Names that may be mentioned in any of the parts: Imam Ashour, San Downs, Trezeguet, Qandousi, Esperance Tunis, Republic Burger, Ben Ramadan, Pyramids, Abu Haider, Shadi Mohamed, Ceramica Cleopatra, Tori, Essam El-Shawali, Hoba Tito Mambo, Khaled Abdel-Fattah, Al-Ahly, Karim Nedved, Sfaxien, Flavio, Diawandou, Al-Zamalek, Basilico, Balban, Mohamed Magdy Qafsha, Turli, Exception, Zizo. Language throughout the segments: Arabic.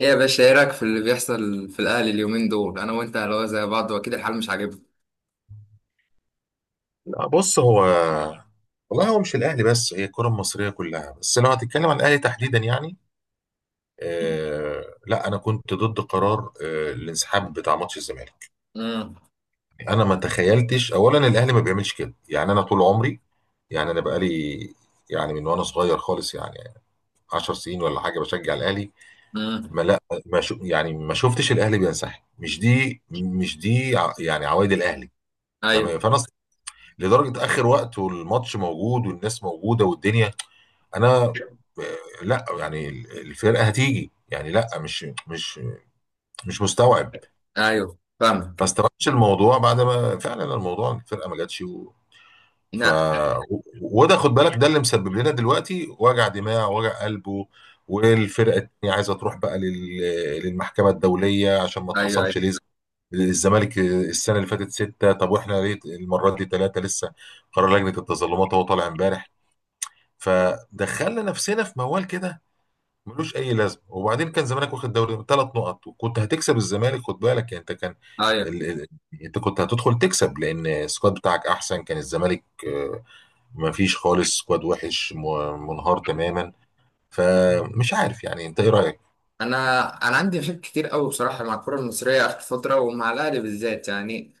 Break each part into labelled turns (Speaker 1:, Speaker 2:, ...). Speaker 1: ايه يا باشا، ايه رايك في اللي بيحصل في الاهلي اليومين دول؟ انا وانت اللي هو زي بعض، واكيد الحال مش عاجبنا.
Speaker 2: لا بص هو. والله هو مش الاهلي بس، هي الكره المصريه كلها، بس لو هتتكلم عن الاهلي تحديدا يعني لا انا كنت ضد قرار الانسحاب بتاع ماتش الزمالك.
Speaker 1: امم
Speaker 2: انا ما تخيلتش، اولا الاهلي ما بيعملش كده، يعني انا طول عمري، يعني انا بقالي، يعني من وانا صغير خالص يعني 10 سنين ولا حاجه بشجع الاهلي. ما
Speaker 1: امم
Speaker 2: لا ما شو، يعني ما شفتش الاهلي بينسحب، مش دي يعني عوايد الاهلي. ما
Speaker 1: ايوه،
Speaker 2: بي- لدرجه اخر وقت والماتش موجود والناس موجوده والدنيا. انا، لا يعني الفرقه هتيجي، يعني لا مش مستوعب.
Speaker 1: ايوه
Speaker 2: ما
Speaker 1: فاهمك.
Speaker 2: استوعبتش الموضوع بعد ما فعلا الموضوع الفرقه ما جاتش و... ف
Speaker 1: لا.
Speaker 2: وده خد بالك، ده اللي مسبب لنا دلوقتي وجع دماغ وجع قلب والفرقه التانيه عايزه تروح بقى لل... للمحكمه الدوليه عشان ما
Speaker 1: ايوه،
Speaker 2: اتخصمش
Speaker 1: ايوه،
Speaker 2: ليه. الزمالك السنه اللي فاتت سته، طب واحنا ليه المره دي ثلاثه لسه؟ قرار لجنه التظلمات هو طالع امبارح، فدخلنا نفسنا في موال كده ملوش اي لازمه. وبعدين كان زمانك واخد دوري بثلاث نقط، وكنت هتكسب الزمالك، خد بالك يعني، انت كان
Speaker 1: ايوه.
Speaker 2: ال... ال... انت كنت هتدخل تكسب، لان السكواد بتاعك احسن. كان الزمالك ما فيش خالص سكواد وحش، منهار تماما. فمش عارف، يعني انت ايه رايك؟
Speaker 1: انا انا عندي مشاكل كتير قوي بصراحه مع الكره المصريه اخر فتره، ومع الاهلي بالذات. يعني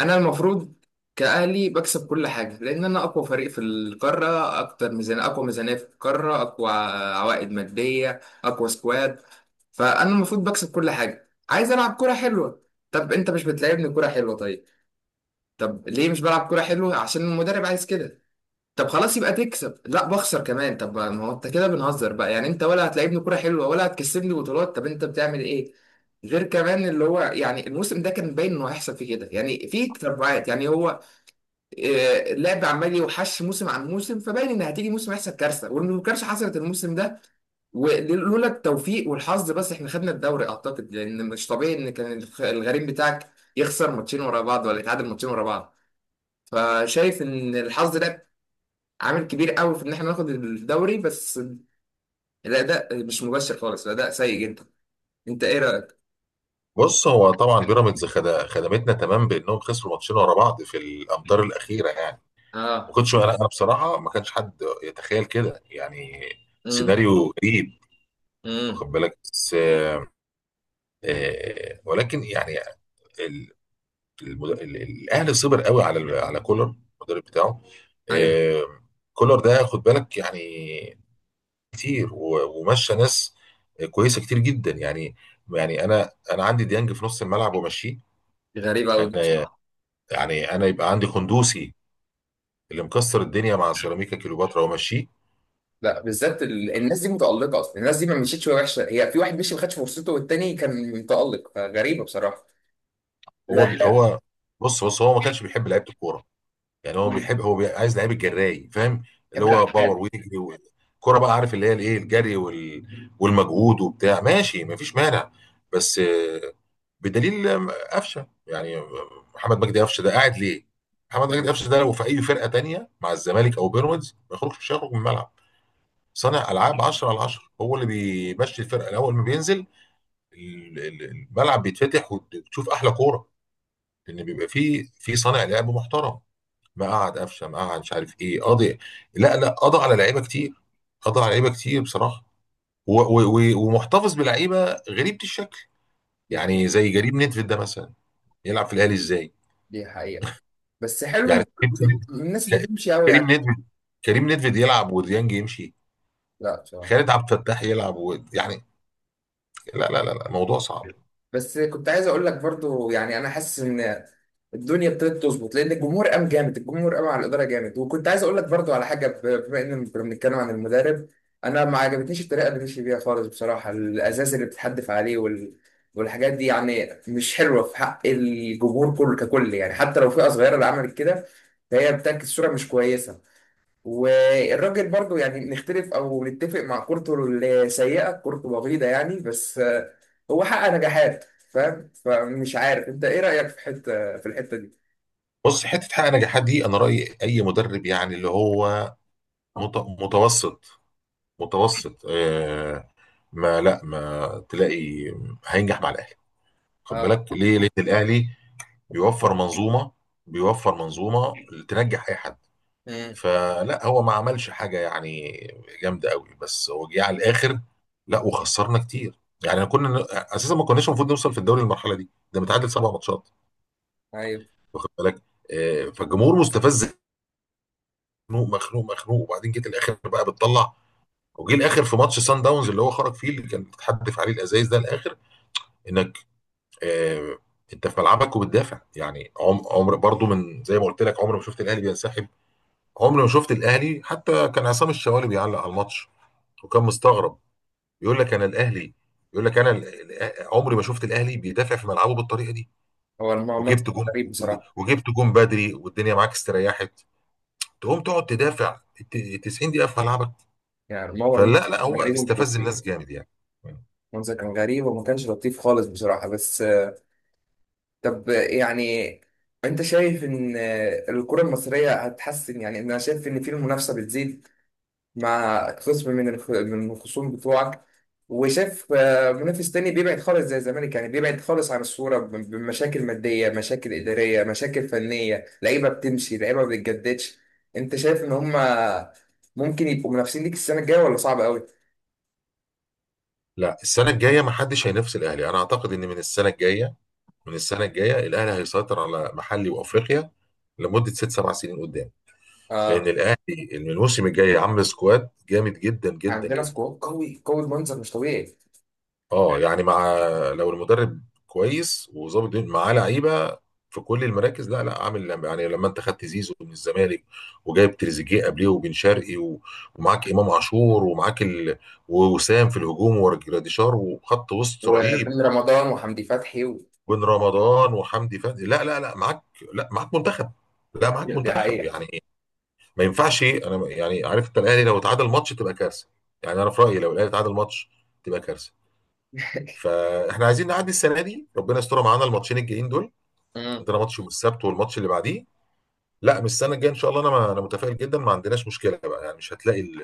Speaker 1: انا المفروض كاهلي بكسب كل حاجه، لان انا اقوى فريق في القاره، اكتر ميزانيه، اقوى ميزانيه في القاره، اقوى عوائد ماديه، اقوى سكواد. فانا المفروض بكسب كل حاجه، عايز العب كره حلوه. طب انت مش بتلعبني كره حلوه، طيب. طب ليه مش بلعب كوره حلوه؟ عشان المدرب عايز كده. طب خلاص يبقى تكسب، لا بخسر كمان. طب ما هو انت كده بنهزر بقى، يعني انت ولا هتلعبني كوره حلوه ولا هتكسبني بطولات، طب انت بتعمل ايه؟ غير كمان اللي هو يعني الموسم ده كان باين انه هيحصل فيه كده، يعني في تتبعات، يعني هو اللعب عمال يوحش موسم عن موسم، فباين ان هتيجي موسم هيحصل كارثه، وان الكارثه حصلت الموسم ده. ولولا التوفيق والحظ بس احنا خدنا الدوري، اعتقد، لان مش طبيعي ان كان الغريم بتاعك يخسر ماتشين ورا بعض ولا يتعادل ماتشين ورا بعض. فشايف ان الحظ ده عامل كبير قوي في ان احنا ناخد الدوري. بس الاداء مش مبشر خالص، الاداء سيء جدا. انت ايه رايك؟
Speaker 2: بص هو طبعا بيراميدز خدمتنا تمام، بانهم خسروا ماتشين ورا بعض في الامتار الاخيره يعني. ما
Speaker 1: اه.
Speaker 2: كنتش انا أنا بصراحه ما كانش حد يتخيل كده يعني.
Speaker 1: امم
Speaker 2: سيناريو غريب.
Speaker 1: امم
Speaker 2: واخد بالك، بس ولكن يعني ال- الاهلي صبر قوي على كولر المدرب بتاعه.
Speaker 1: ايوه.
Speaker 2: آه، كولر ده خد بالك يعني، كتير ومشى ناس كويسه كتير جدا يعني. يعني انا عندي ديانج في نص الملعب ومشيه.
Speaker 1: غريبه قوي
Speaker 2: انا
Speaker 1: بصراحه.
Speaker 2: يعني انا يبقى عندي قندوسي، اللي مكسر الدنيا مع سيراميكا كليوباترا، ومشيه.
Speaker 1: لا، بالذات الناس دي متالقه اصلا، الناس دي ما مشيتش وهي وحشه، هي في واحد مشي ما خدش فرصته والتاني كان متالق، فغريبه بصراحه.
Speaker 2: هو
Speaker 1: لا.
Speaker 2: هو بص بص هو ما كانش بيحب لعيبه الكوره، يعني هو
Speaker 1: مم.
Speaker 2: بيحب، عايز لعيب الجراي فاهم، اللي
Speaker 1: بحب
Speaker 2: هو باور
Speaker 1: العقاد.
Speaker 2: ويجري والكرة بقى، عارف اللي هي الايه، الجري والمجهود وبتاع. ماشي مفيش مانع، بس بدليل قفشه يعني. محمد مجدي قفشه ده قاعد ليه؟ محمد مجدي
Speaker 1: ايوه.
Speaker 2: قفشه ده لو في اي فرقه تانية مع الزمالك او بيراميدز ما يخرجش، مش هيخرج من الملعب. صانع العاب 10/10، هو اللي بيمشي الفرقه. الاول ما بينزل الملعب بيتفتح وتشوف احلى كوره، لان بيبقى فيه في صانع لعب محترم. مقعد قفشه، مقعد، مش عارف ايه، قاضي. لا لا، قضى على لعيبه كتير، قضى على لعيبه كتير بصراحه. و و و ومحتفظ بلعيبه غريبه الشكل.
Speaker 1: دي
Speaker 2: يعني زي كريم ندفيد ده مثلا، يلعب في الاهلي ازاي؟
Speaker 1: دي حقيقه. بس حلو ان
Speaker 2: يعني كريم
Speaker 1: الناس
Speaker 2: كريم
Speaker 1: بتمشي قوي
Speaker 2: كريم
Speaker 1: يعني.
Speaker 2: ندفيد، كريم ندفيد يلعب وديانج يمشي،
Speaker 1: لا بصراحه.
Speaker 2: خالد عبد الفتاح يلعب و... يعني لا لا لا لا، الموضوع صعب.
Speaker 1: بس كنت عايز اقول لك برضو، يعني انا حاسس ان الدنيا ابتدت تظبط، لان الجمهور قام جامد، الجمهور قام على الاداره جامد. وكنت عايز اقول لك برضو على حاجه، بما ان كنا بنتكلم عن المدرب، انا ما عجبتنيش الطريقه اللي مشي بيها خالص بصراحه، الازاز اللي بتتحدف عليه والحاجات دي، يعني مش حلوه في حق الجمهور كله ككل، يعني حتى لو فئه صغيره اللي عملت كده، فهي بتعكس صوره مش كويسه. والراجل برضو يعني نختلف او نتفق مع كورته السيئه، كورته بغيضه يعني، بس هو حقق نجاحات، فاهم؟ فمش عارف انت ايه رايك في حته، في الحته دي.
Speaker 2: بص، حته حقق نجاحات دي انا رايي اي مدرب يعني اللي هو متوسط، متوسط ما لا ما تلاقي، هينجح مع الاهلي. خد
Speaker 1: اه.
Speaker 2: بالك ليه؟ ليه الاهلي بيوفر منظومه، بيوفر منظومه تنجح اي حد.
Speaker 1: امم
Speaker 2: فلا، هو ما عملش حاجه يعني جامده قوي، بس هو جه على الاخر. لا وخسرنا كتير يعني، كنا اساسا ما كناش المفروض نوصل في الدوري للمرحله دي، ده متعادل سبع ماتشات
Speaker 1: ايوه.
Speaker 2: واخد بالك. فالجمهور مستفز مخنوق مخنوق مخنوق. وبعدين جيت الاخر بقى بتطلع، وجه الاخر في ماتش سان داونز اللي هو خرج فيه، اللي كان بتحدف عليه الازايز ده الاخر. انك آه، انت في ملعبك وبتدافع يعني. عمر برضو من زي ما قلت لك، عمر ما شفت الاهلي بينسحب، عمر ما شفت الاهلي. حتى كان عصام الشوالي بيعلق على الماتش وكان مستغرب، يقول لك انا الاهلي، يقول لك انا عمري ما شفت الاهلي بيدافع في ملعبه بالطريقه دي.
Speaker 1: هو المنظر
Speaker 2: وجبت
Speaker 1: كان
Speaker 2: جون
Speaker 1: غريب بصراحه.
Speaker 2: وجبت جون بدري والدنيا معاك استريحت، تقوم تقعد تدافع 90 دقيقه في ملعبك؟
Speaker 1: يعني الموضوع، المنظر
Speaker 2: فلا لا،
Speaker 1: كان
Speaker 2: هو
Speaker 1: غريب ومش
Speaker 2: استفز
Speaker 1: لطيف.
Speaker 2: الناس جامد يعني.
Speaker 1: المنظر كان غريب وما كانش لطيف خالص بصراحه. بس طب يعني انت شايف ان الكره المصريه هتحسن؟ يعني انا شايف ان في المنافسه بتزيد مع خصم من من الخصوم بتوعك، وشاف منافس تاني بيبعد خالص زي الزمالك، يعني بيبعد خالص عن الصورة، بمشاكل مادية، مشاكل إدارية، مشاكل فنية، لعيبة بتمشي، لعيبة ما بتجددش. أنت شايف إن هما ممكن يبقوا منافسين ليك السنة الجاية، ولا صعب قوي؟
Speaker 2: لا السنه الجايه ما حدش هينافس الاهلي. انا اعتقد ان من السنه الجايه، من السنه الجايه الاهلي هيسيطر على محلي وافريقيا لمده ست سبع سنين قدام. لان
Speaker 1: آه.
Speaker 2: الاهلي من الموسم الجاي عامل سكواد جامد جدا جدا
Speaker 1: عندنا
Speaker 2: جدا.
Speaker 1: سكواد قوي قوي بمنظر مش طبيعي.
Speaker 2: اه يعني، مع لو المدرب كويس وظابط الدنيا، معاه لعيبه في كل المراكز. لا لا، عامل يعني، لما انت خدت زيزو من الزمالك، وجايب تريزيجيه قبليه وبن شرقي ومعاك امام عاشور ومعاك ووسام في الهجوم ورجراديشار وخط وسط رهيب.
Speaker 1: وبن رمضان وحمدي فتحي
Speaker 2: بن رمضان وحمدي فتحي لا معاك، لا معاك منتخب، لا معاك
Speaker 1: دي
Speaker 2: منتخب
Speaker 1: حقيقة.
Speaker 2: يعني. ما ينفعش، انا يعني عارف انت الاهلي لو اتعادل ماتش تبقى كارثه. يعني انا في رايي لو الاهلي اتعادل ماتش تبقى كارثه. فاحنا عايزين نعدي السنه دي، ربنا يستر معانا الماتشين الجايين دول.
Speaker 1: مم.
Speaker 2: عندنا ماتش يوم السبت والماتش اللي بعديه. لا من السنه الجايه ان شاء الله، انا ما انا متفائل جدا، ما عندناش مشكله بقى يعني، مش هتلاقي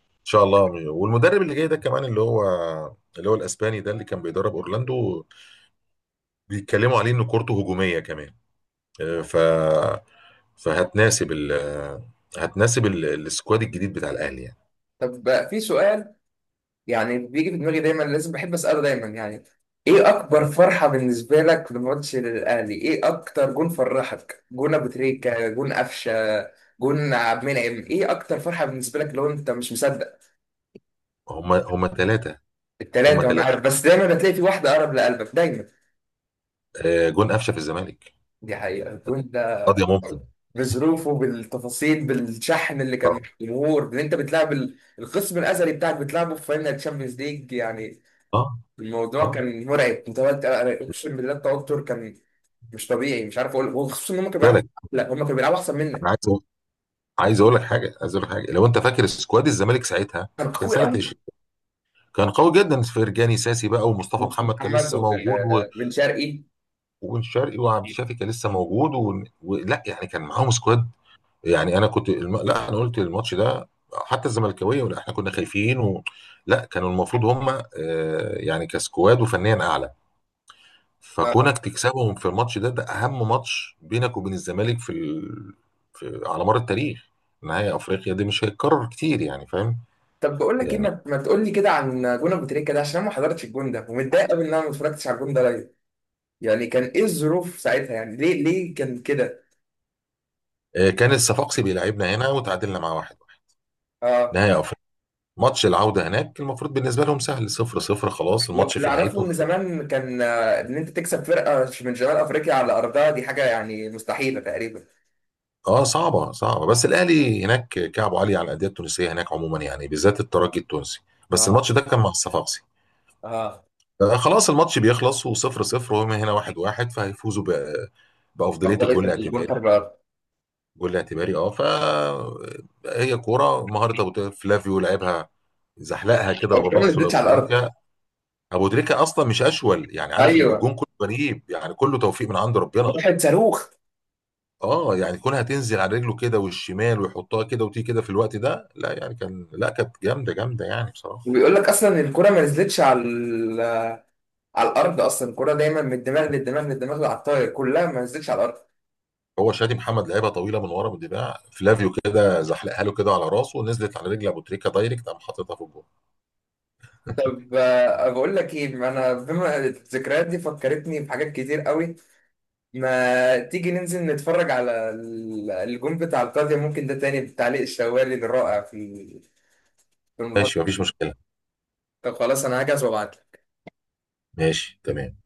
Speaker 2: ان شاء الله. والمدرب اللي جاي ده كمان اللي هو الاسباني ده اللي كان بيدرب اورلاندو، بيتكلموا عليه ان كورته هجوميه كمان. آه، ف فهتناسب ال هتناسب السكواد الجديد بتاع الاهلي يعني.
Speaker 1: طب بقى في سؤال، يعني بيجي في دماغي دايما، لازم بحب اساله دايما. يعني ايه اكبر فرحه بالنسبه لك في ماتش للاهلي؟ ايه اكتر جون فرحك؟ جون ابو تريكه، جون قفشه، جون عبد المنعم؟ ايه اكتر فرحه بالنسبه لك، لو انت مش مصدق؟
Speaker 2: هم ثلاثه، هم
Speaker 1: التلاته وانا عارف،
Speaker 2: ثلاثه.
Speaker 1: بس دايما بتلاقي في واحده اقرب لقلبك دايما.
Speaker 2: جون قفشه في الزمالك
Speaker 1: دي حقيقه الجون ده
Speaker 2: قضيه ممكن.
Speaker 1: بظروفه، بالتفاصيل، بالشحن اللي كان مع
Speaker 2: اه
Speaker 1: الجمهور، ان انت بتلعب الخصم الازلي بتاعك، بتلعبه في فاينل تشامبيونز ليج، يعني
Speaker 2: اه
Speaker 1: الموضوع
Speaker 2: اه
Speaker 1: كان مرعب. انت اقسم بالله التوتر كان مش طبيعي، مش عارف اقول. وخصوصا ان هم كانوا بيلعبوا،
Speaker 2: بالك،
Speaker 1: لا هم كانوا بيلعبوا احسن
Speaker 2: انا
Speaker 1: منك،
Speaker 2: عايز اقول لك حاجه، عايز اقول لك حاجه. لو انت فاكر سكواد الزمالك ساعتها،
Speaker 1: كانوا
Speaker 2: كان
Speaker 1: قوي
Speaker 2: سنه
Speaker 1: قوي.
Speaker 2: 20 كان قوي جدا. فرجاني ساسي بقى، ومصطفى
Speaker 1: ومصطفى
Speaker 2: محمد كان
Speaker 1: محمد
Speaker 2: لسه موجود
Speaker 1: وبن شرقي.
Speaker 2: وبن شرقي وعبد الشافي كان لسه موجود و... ولا يعني كان معاهم سكواد يعني. انا كنت لا انا قلت الماتش ده حتى الزملكاويه ولا احنا كنا خايفين و... لا كانوا المفروض هم يعني كسكواد وفنيا اعلى.
Speaker 1: آه.
Speaker 2: فكونك تكسبهم في الماتش ده، ده اهم ماتش بينك وبين الزمالك في, على مر التاريخ. نهائي افريقيا دي مش هيتكرر كتير يعني فاهم.
Speaker 1: طب بقول لك ايه،
Speaker 2: يعني
Speaker 1: ما تقول لي كده عن جون ابو تريكه ده، عشان انا ما حضرتش الجون ده، ومتضايق قوي ان انا ما اتفرجتش على الجون ده لايف. يعني كان ايه الظروف ساعتها؟ يعني ليه، ليه كان كده؟
Speaker 2: كان الصفاقسي بيلعبنا هنا وتعادلنا مع واحد.
Speaker 1: اه.
Speaker 2: نهائي افريقيا، ماتش العوده هناك المفروض بالنسبه لهم سهل، صفر صفر خلاص الماتش
Speaker 1: واللي
Speaker 2: في نهايته.
Speaker 1: اعرفه ان زمان كان ان انت تكسب فرقه من شمال افريقيا على ارضها دي حاجه يعني مستحيله تقريبا.
Speaker 2: اه صعبة صعبة، بس الأهلي هناك كعبه عالي على الأندية التونسية هناك عموما يعني، بالذات الترجي التونسي. بس
Speaker 1: اه.
Speaker 2: الماتش ده كان مع الصفاقسي.
Speaker 1: اه.
Speaker 2: آه خلاص الماتش بيخلص وصفر صفر وهم هنا واحد واحد، فهيفوزوا بأفضلية
Speaker 1: افضليه
Speaker 2: الجول
Speaker 1: الجون
Speaker 2: الاعتباري.
Speaker 1: خارج الارض.
Speaker 2: الجول الاعتباري اه ف، هي كورة مهارة أبو تريكة. فلافيو لعبها، زحلقها كده
Speaker 1: الجون ما
Speaker 2: براسه
Speaker 1: نزلتش
Speaker 2: لأبو
Speaker 1: على الارض.
Speaker 2: تريكة. أبو تريكة أصلا مش أشول، يعني عارف إن
Speaker 1: ايوه.
Speaker 2: الجون كله غريب يعني، كله توفيق من عند ربنا.
Speaker 1: واحد صاروخ.
Speaker 2: اه يعني كونها تنزل على رجله كده والشمال ويحطها كده وتيجي كده في الوقت ده، لا يعني كان، لا كانت جامده جامده يعني بصراحه.
Speaker 1: وبيقول لك اصلا الكرة ما نزلتش على على الارض، اصلا الكرة دايما من الدماغ للدماغ للدماغ على الطاير، كلها ما نزلتش على الارض.
Speaker 2: هو شادي محمد لعبها طويله من ورا بالدفاع، فلافيو كده زحلقها له كده على راسه ونزلت على رجل ابو تريكه دايركت، قام حاططها في الجول.
Speaker 1: طب بقول لك ايه، ما انا بما الذكريات دي فكرتني بحاجات كتير قوي، ما تيجي ننزل نتفرج على الجون بتاع القاضية؟ ممكن ده تاني بتعليق الشوالي الرائع في في الموضوع
Speaker 2: ماشي
Speaker 1: ده.
Speaker 2: مفيش مشكله.
Speaker 1: طب خلاص، انا هجهز وابعت.
Speaker 2: ماشي تمام.